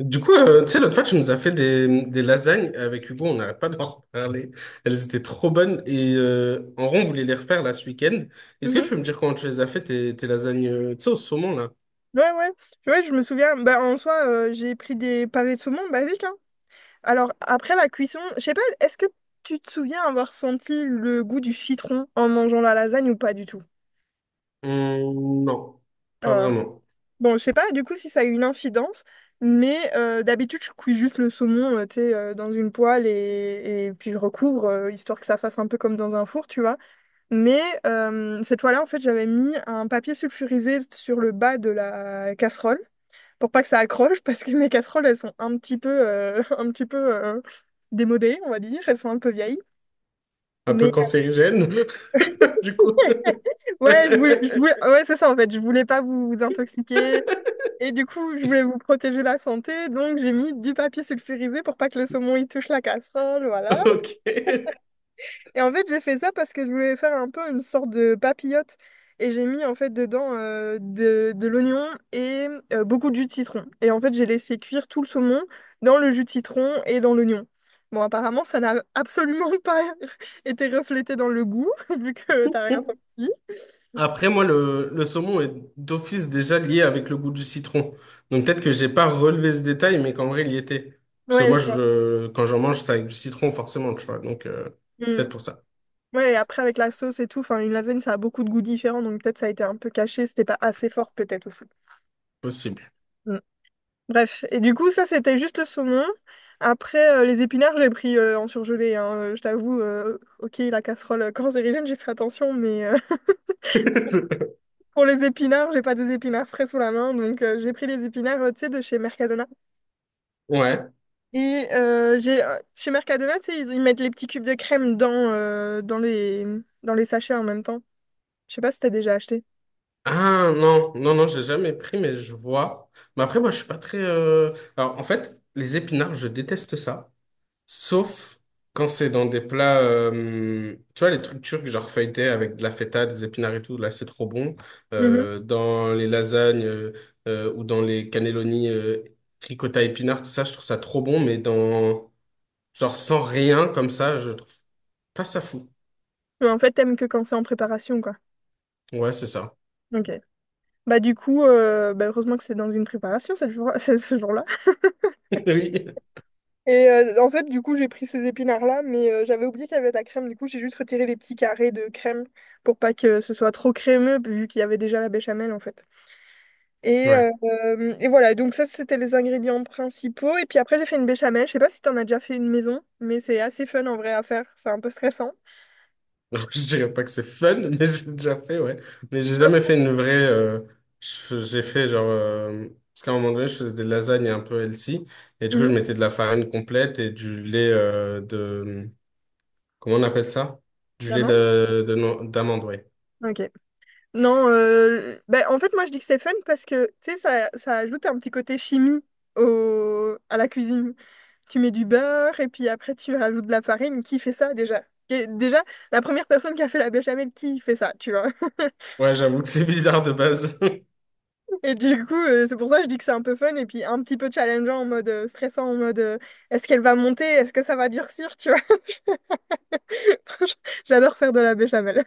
Du coup, tu sais, l'autre fois, tu nous as fait des lasagnes avec Hugo, on n'arrête pas d'en reparler. Elles étaient trop bonnes et en rond, on voulait les refaire là ce week-end. Est-ce que Mhm. tu peux me dire comment tu les as fait, tes lasagnes, tu sais, au saumon là? Ouais, ouais. Ouais, je me souviens. Bah, en soi, j'ai pris des pavés de saumon basiques, hein. Alors, après la cuisson, je sais pas, est-ce que tu te souviens avoir senti le goût du citron en mangeant la lasagne ou pas du tout? Non, pas Euh, vraiment. bon, je sais pas du coup si ça a eu une incidence, mais d'habitude, je cuis juste le saumon, tu sais, dans une poêle et puis je recouvre, histoire que ça fasse un peu comme dans un four, tu vois. Mais cette fois-là, en fait, j'avais mis un papier sulfurisé sur le bas de la casserole, pour pas que ça accroche, parce que mes casseroles, elles sont un petit peu, un petit peu démodées, on va dire. Elles sont un peu vieilles. Un peu Mais cancérigène, du coup. ouais, ouais, c'est ça en fait. Je voulais pas vous intoxiquer. Et du coup, je voulais vous protéger la santé. Donc, j'ai mis du papier sulfurisé pour pas que le saumon y touche la casserole. Voilà. Ok. Et en fait, j'ai fait ça parce que je voulais faire un peu une sorte de papillote. Et j'ai mis en fait dedans de l'oignon et beaucoup de jus de citron. Et en fait, j'ai laissé cuire tout le saumon dans le jus de citron et dans l'oignon. Bon, apparemment, ça n'a absolument pas été reflété dans le goût, vu que t'as rien senti. Après, moi, le saumon est d'office déjà lié avec le goût du citron. Donc peut-être que j'ai pas relevé ce détail, mais qu'en vrai, il y était. Parce que Ouais, moi, je vois. je, quand j'en mange, c'est avec du citron, forcément, tu vois. Donc c'est Mm. peut-être pour ça. Ouais, et après, avec la sauce et tout, enfin, une lasagne, ça a beaucoup de goûts différents, donc peut-être ça a été un peu caché, c'était pas assez fort, peut-être aussi. Possible. Bref, et du coup, ça, c'était juste le saumon. Après, les épinards, j'ai pris en surgelé, hein. Je t'avoue, ok, la casserole, quand j'étais jeune, j'ai fait attention, mais pour les épinards, j'ai pas des épinards frais sous la main. Donc, j'ai pris les épinards, tu sais, de chez Mercadona. Ouais. Et chez Mercadona, tu sais, ils mettent les petits cubes de crème dans les sachets en même temps. Je sais pas si t'as déjà acheté. Ah non, non, non, j'ai jamais pris, mais je vois. Mais après, moi, je suis pas très. Alors, en fait, les épinards, je déteste ça. Sauf quand c'est dans des plats, tu vois, les trucs turcs, genre feuilletés avec de la feta, des épinards et tout, là c'est trop bon. Mhm. Dans les lasagnes, ou dans les cannelloni ricotta épinards, tout ça, je trouve ça trop bon, mais dans, genre sans rien comme ça, je trouve pas ça fou. Mais en fait, t'aimes que quand c'est en préparation, quoi. Ouais, c'est ça. Ok. Bah, du coup, bah, heureusement que c'est dans une préparation ce jour-là. Oui. Et en fait, du coup, j'ai pris ces épinards-là, mais j'avais oublié qu'il y avait de la crème. Du coup, j'ai juste retiré les petits carrés de crème pour pas que ce soit trop crémeux, vu qu'il y avait déjà la béchamel, en fait. Et, Ouais. euh, euh, et voilà, donc ça, c'était les ingrédients principaux. Et puis après, j'ai fait une béchamel. Je sais pas si t'en as déjà fait une maison, mais c'est assez fun en vrai à faire. C'est un peu stressant. Alors, je dirais pas que c'est fun, mais j'ai déjà fait, ouais. Mais j'ai jamais Ah, fait une vraie. J'ai fait genre. Parce qu'à un moment donné, je faisais des lasagnes un peu healthy. Et du coup, je mhm. mettais de la farine complète et du lait de. Comment on appelle ça? Du lait D'amande? De, no- d'amande, ouais. Ok. Non, ben, en fait, moi, je dis que c'est fun parce que, tu sais, ça ajoute un petit côté chimie au, à la cuisine. Tu mets du beurre et puis après, tu rajoutes de la farine. Qui fait ça déjà? Et déjà, la première personne qui a fait la béchamel, qui fait ça, tu vois? Ouais, j'avoue que c'est bizarre de base. Et du coup, c'est pour ça que je dis que c'est un peu fun et puis un petit peu challengeant en mode stressant, en mode est-ce qu'elle va monter? Est-ce que ça va durcir? Tu vois? Franchement, j'adore faire de la béchamel.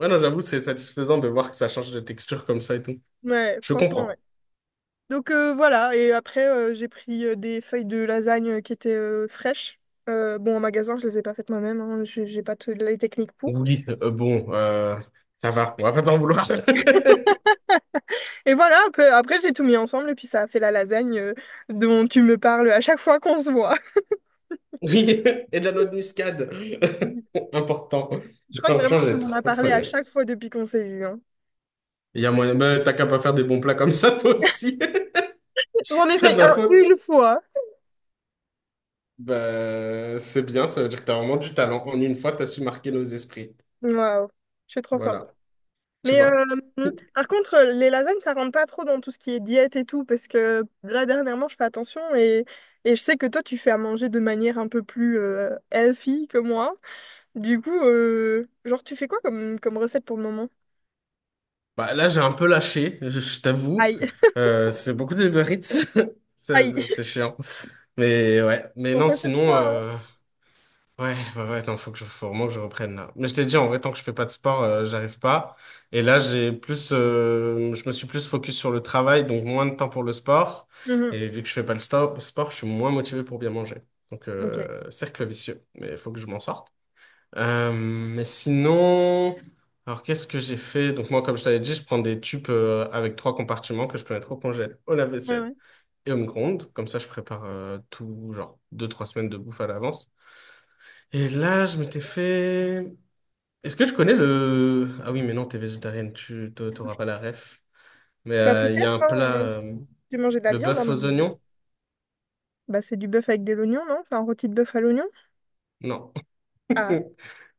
Ouais, non, j'avoue, c'est satisfaisant de voir que ça change de texture comme ça et tout. Ouais, Je franchement, ouais. comprends. Donc voilà, et après j'ai pris des feuilles de lasagne qui étaient fraîches. Bon, en magasin, je les ai pas faites moi-même, hein, j'ai pas toutes les techniques pour. Oui, bon, ça va. On va pas t'en vouloir. Et voilà, après j'ai tout mis ensemble et puis ça a fait la lasagne dont tu me parles à chaque fois qu'on se voit. Oui, et de la noix de muscade. Important. Je Non, crois que franchement, vraiment tu j'ai m'en as trop parlé à aimé. chaque fois depuis qu'on s'est vu, hein. Il y a moyen, bah, t'as qu'à pas faire des bons plats comme ça, toi aussi. J'en ai C'est pas de fait ma alors, faute. une fois. Bah, c'est bien, ça veut dire que t'as vraiment du talent. En une fois, t'as su marquer nos esprits. Waouh, je suis trop forte. Voilà, tu Mais vois. par contre, les lasagnes, ça rentre pas trop dans tout ce qui est diète et tout, parce que là, dernièrement, je fais attention et je sais que toi, tu fais à manger de manière un peu plus healthy que moi. Du coup, genre, tu fais quoi comme recette pour le moment? Bah, là, j'ai un peu lâché, je t'avoue. Aïe, C'est beaucoup de Uber Eats. C'est c'est- aïe, c'est chiant. Mais ouais, mais on non, t'a sur sinon, toi, hein. Ouais, bah ouais, attends, faut faut vraiment que je reprenne là. Mais je t'ai dit, en vrai, tant que je fais pas de sport, j'arrive pas. Et là, je me suis plus focus sur le travail, donc moins de temps pour le sport. Mhm. Et vu que je fais pas le sport, je suis moins motivé pour bien manger. Donc, Ok, ouais, cercle vicieux, mais il faut que je m'en sorte. Mais sinon, alors qu'est-ce que j'ai fait? Donc moi, comme je t'avais dit, je prends des tubes avec trois compartiments que je peux mettre au congèle, au lave-vaisselle ouais. et au micro-ondes. Comme ça, je prépare tout, genre deux, trois semaines de bouffe à l'avance. Et là, je m'étais fait… Est-ce que je connais le… Ah oui, mais non, t'es végétarienne, tu t'auras pas la ref. Mais Bah, il y a peut-être, un hein, plat, j'ai mangé de la le viande, hein, bœuf aux mais- oignons? Bah, c'est du bœuf avec des oignons, non? C'est un rôti de bœuf à l'oignon? Non. Ah,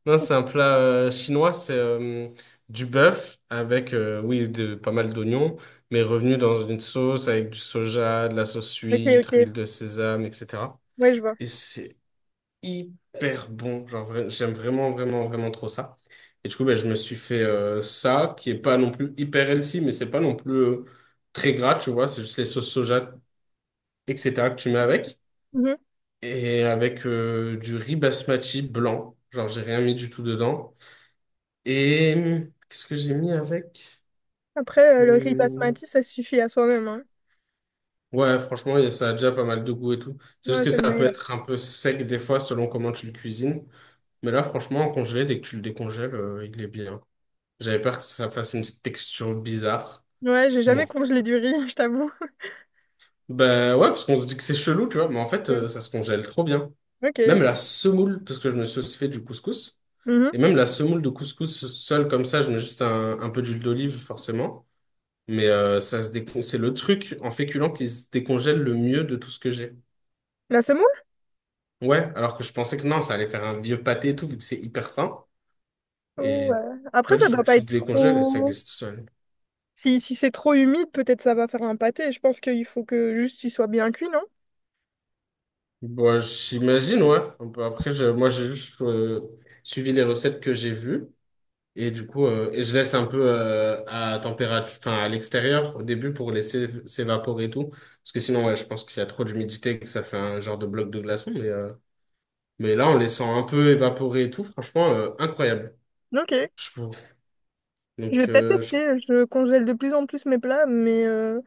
Non, c'est un plat chinois, c'est du bœuf avec, oui, de, pas mal d'oignons, mais revenu dans une sauce avec du soja, de la sauce ok, huître, ok, huile de sésame, etc. ouais, je vois. Et c'est hyper bon. Genre, j'aime vraiment trop ça. Et du coup, ben, je me suis fait ça, qui est pas non plus hyper healthy, mais c'est pas non plus très gras, tu vois. C'est juste les sauces soja, etc. que tu mets avec. Mhm. Et avec du riz basmati blanc. Genre, j'ai rien mis du tout dedans. Et qu'est-ce que j'ai mis avec? Après, le riz Hum, basmati, ça suffit à soi-même, hein. Ouais, franchement, ça a déjà pas mal de goût et tout. C'est Ouais, juste que c'est le ça peut meilleur. être un peu sec des fois selon comment tu le cuisines. Mais là, franchement, en congelé, dès que tu le décongèles, il est bien. J'avais peur que ça fasse une texture bizarre. Ouais, j'ai Bon. jamais congelé du riz, je t'avoue. Ben ouais, parce qu'on se dit que c'est chelou, tu vois. Mais en fait, Ouais. Ça se congèle trop bien. Ok. Même la semoule, parce que je me suis aussi fait du couscous. Mhm. Et même la semoule de couscous seule comme ça, je mets juste un peu d'huile d'olive, forcément. Mais ça se décon… c'est le truc en féculent qui se décongèle le mieux de tout ce que j'ai. La semoule? Ouais, alors que je pensais que non, ça allait faire un vieux pâté et tout, vu que c'est hyper fin. Ou, Et après, pas ça du tout, doit pas tu le être décongèles et ça trop... glisse tout seul. Si, si c'est trop humide, peut-être ça va faire un pâté. Je pense qu'il faut que juste il soit bien cuit, non? Bon, j'imagine, ouais. Un peu après, moi, j'ai juste suivi les recettes que j'ai vues. Et du coup, je laisse un peu à température, enfin à l'extérieur au début pour laisser s'évaporer et tout. Parce que sinon, ouais, je pense qu'il y a trop d'humidité et que ça fait un genre de bloc de glaçon. Mais là, en laissant un peu évaporer et tout, franchement, incroyable, Ok. je trouve. Je vais Donc, peut-être tester. Je congèle de plus en plus mes plats, mais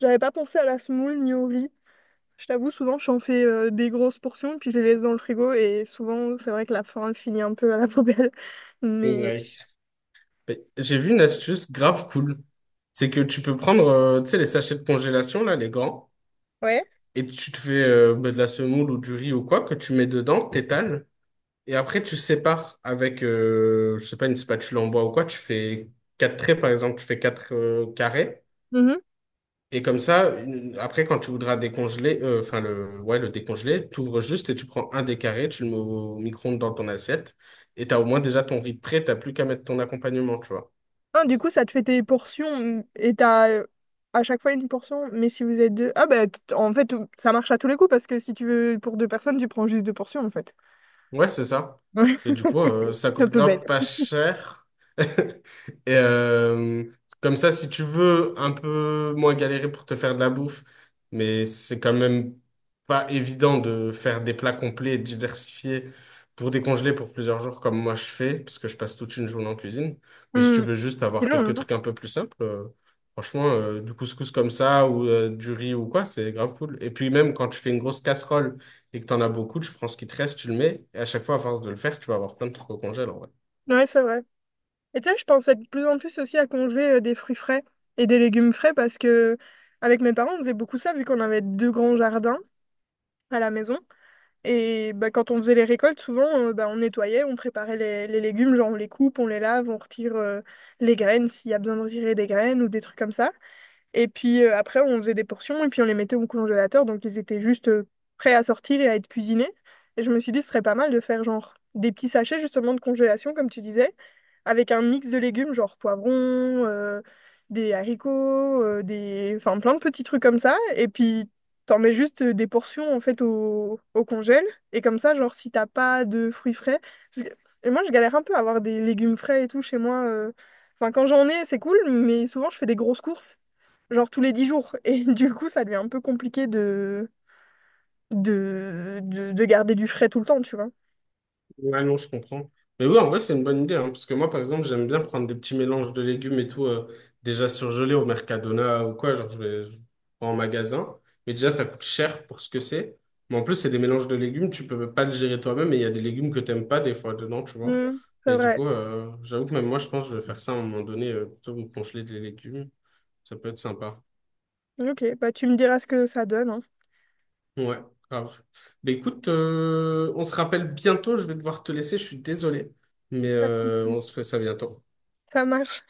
j'avais pas pensé à la semoule ni au riz. Je t'avoue, souvent, j'en fais des grosses portions, puis je les laisse dans le frigo, et souvent, c'est vrai que la fin elle finit un peu à la poubelle. Mais... ouais. Mais j'ai vu une astuce grave cool. C'est que tu peux prendre, tu sais, les sachets de congélation, là, les grands, Ouais. et tu te fais bah, de la semoule ou du riz ou quoi, que tu mets dedans, t'étales, et après, tu sépares avec, je sais pas, une spatule en bois ou quoi, tu fais quatre traits, par exemple, tu fais quatre carrés, Mhm. et comme ça, après, quand tu voudras décongeler, ouais, le décongeler, tu ouvres juste et tu prends un des carrés, tu le mets au micro-ondes dans ton assiette, et tu as au moins déjà ton riz de prêt, t'as plus qu'à mettre ton accompagnement, tu vois. Ah, du coup, ça te fait tes portions mm, et t'as à chaque fois une portion, mais si vous êtes deux... Ah bah, t- en fait, ça marche à tous les coups parce que si tu veux pour deux personnes, tu prends juste deux portions, en fait. Ouais, c'est ça. Ouais, Et du coup, ça c'est un coûte peu bête. grave pas cher. Et comme ça, si tu veux un peu moins galérer pour te faire de la bouffe, mais c'est quand même pas évident de faire des plats complets et diversifiés pour décongeler pour plusieurs jours comme moi je fais, parce que je passe toute une journée en cuisine. Mais si tu Hmm. veux juste C'est avoir long, quelques hein? trucs un peu plus simples, franchement, du couscous comme ça ou du riz ou quoi, c'est grave cool. Et puis même quand tu fais une grosse casserole et que t'en as beaucoup, tu prends ce qui te reste, tu le mets, et à chaque fois, à force de le faire, tu vas avoir plein de trucs au congèle, en vrai. Ouais, c'est vrai. Et tu sais, je pense de plus en plus aussi à congeler des fruits frais et des légumes frais parce que avec mes parents, on faisait beaucoup ça vu qu'on avait deux grands jardins à la maison. Et bah, quand on faisait les récoltes, souvent, bah, on nettoyait, on préparait les légumes, genre on les coupe, on les lave, on retire les graines s'il y a besoin de retirer des graines ou des trucs comme ça. Et puis après, on faisait des portions et puis on les mettait au congélateur. Donc ils étaient juste prêts à sortir et à être cuisinés. Et je me suis dit, ce serait pas mal de faire genre des petits sachets justement de congélation, comme tu disais, avec un mix de légumes, genre poivrons, des haricots, des... enfin plein de petits trucs comme ça. Et puis t'en mets juste des portions en fait au congèle. Et comme ça, genre si t'as pas de fruits frais, parce que- Et moi, je galère un peu à avoir des légumes frais et tout chez moi, euh. Enfin, quand j'en ai, c'est cool, mais souvent je fais des grosses courses genre tous les 10 jours. Et du coup, ça lui est un peu compliqué de garder du frais tout le temps, tu vois. Ouais, non, je comprends. Mais oui, en vrai, c'est une bonne idée, hein, parce que moi, par exemple, j'aime bien prendre des petits mélanges de légumes et tout, déjà surgelés au Mercadona ou quoi, genre je vais en magasin, mais déjà, ça coûte cher pour ce que c'est. Mais en plus, c'est des mélanges de légumes, tu peux pas le gérer toi-même, et il y a des légumes que t'aimes pas des fois dedans, tu vois. Mm, c'est Et du vrai. coup, j'avoue que même moi, je pense que je vais faire ça à un moment donné, plutôt que de congeler des légumes, ça peut être sympa. Ok, bah tu me diras ce que ça donne, hein. Ouais, grave. Mais écoute, on se rappelle bientôt, je vais devoir te laisser, je suis désolé, mais Pas de souci. on se fait ça bientôt. Ça marche.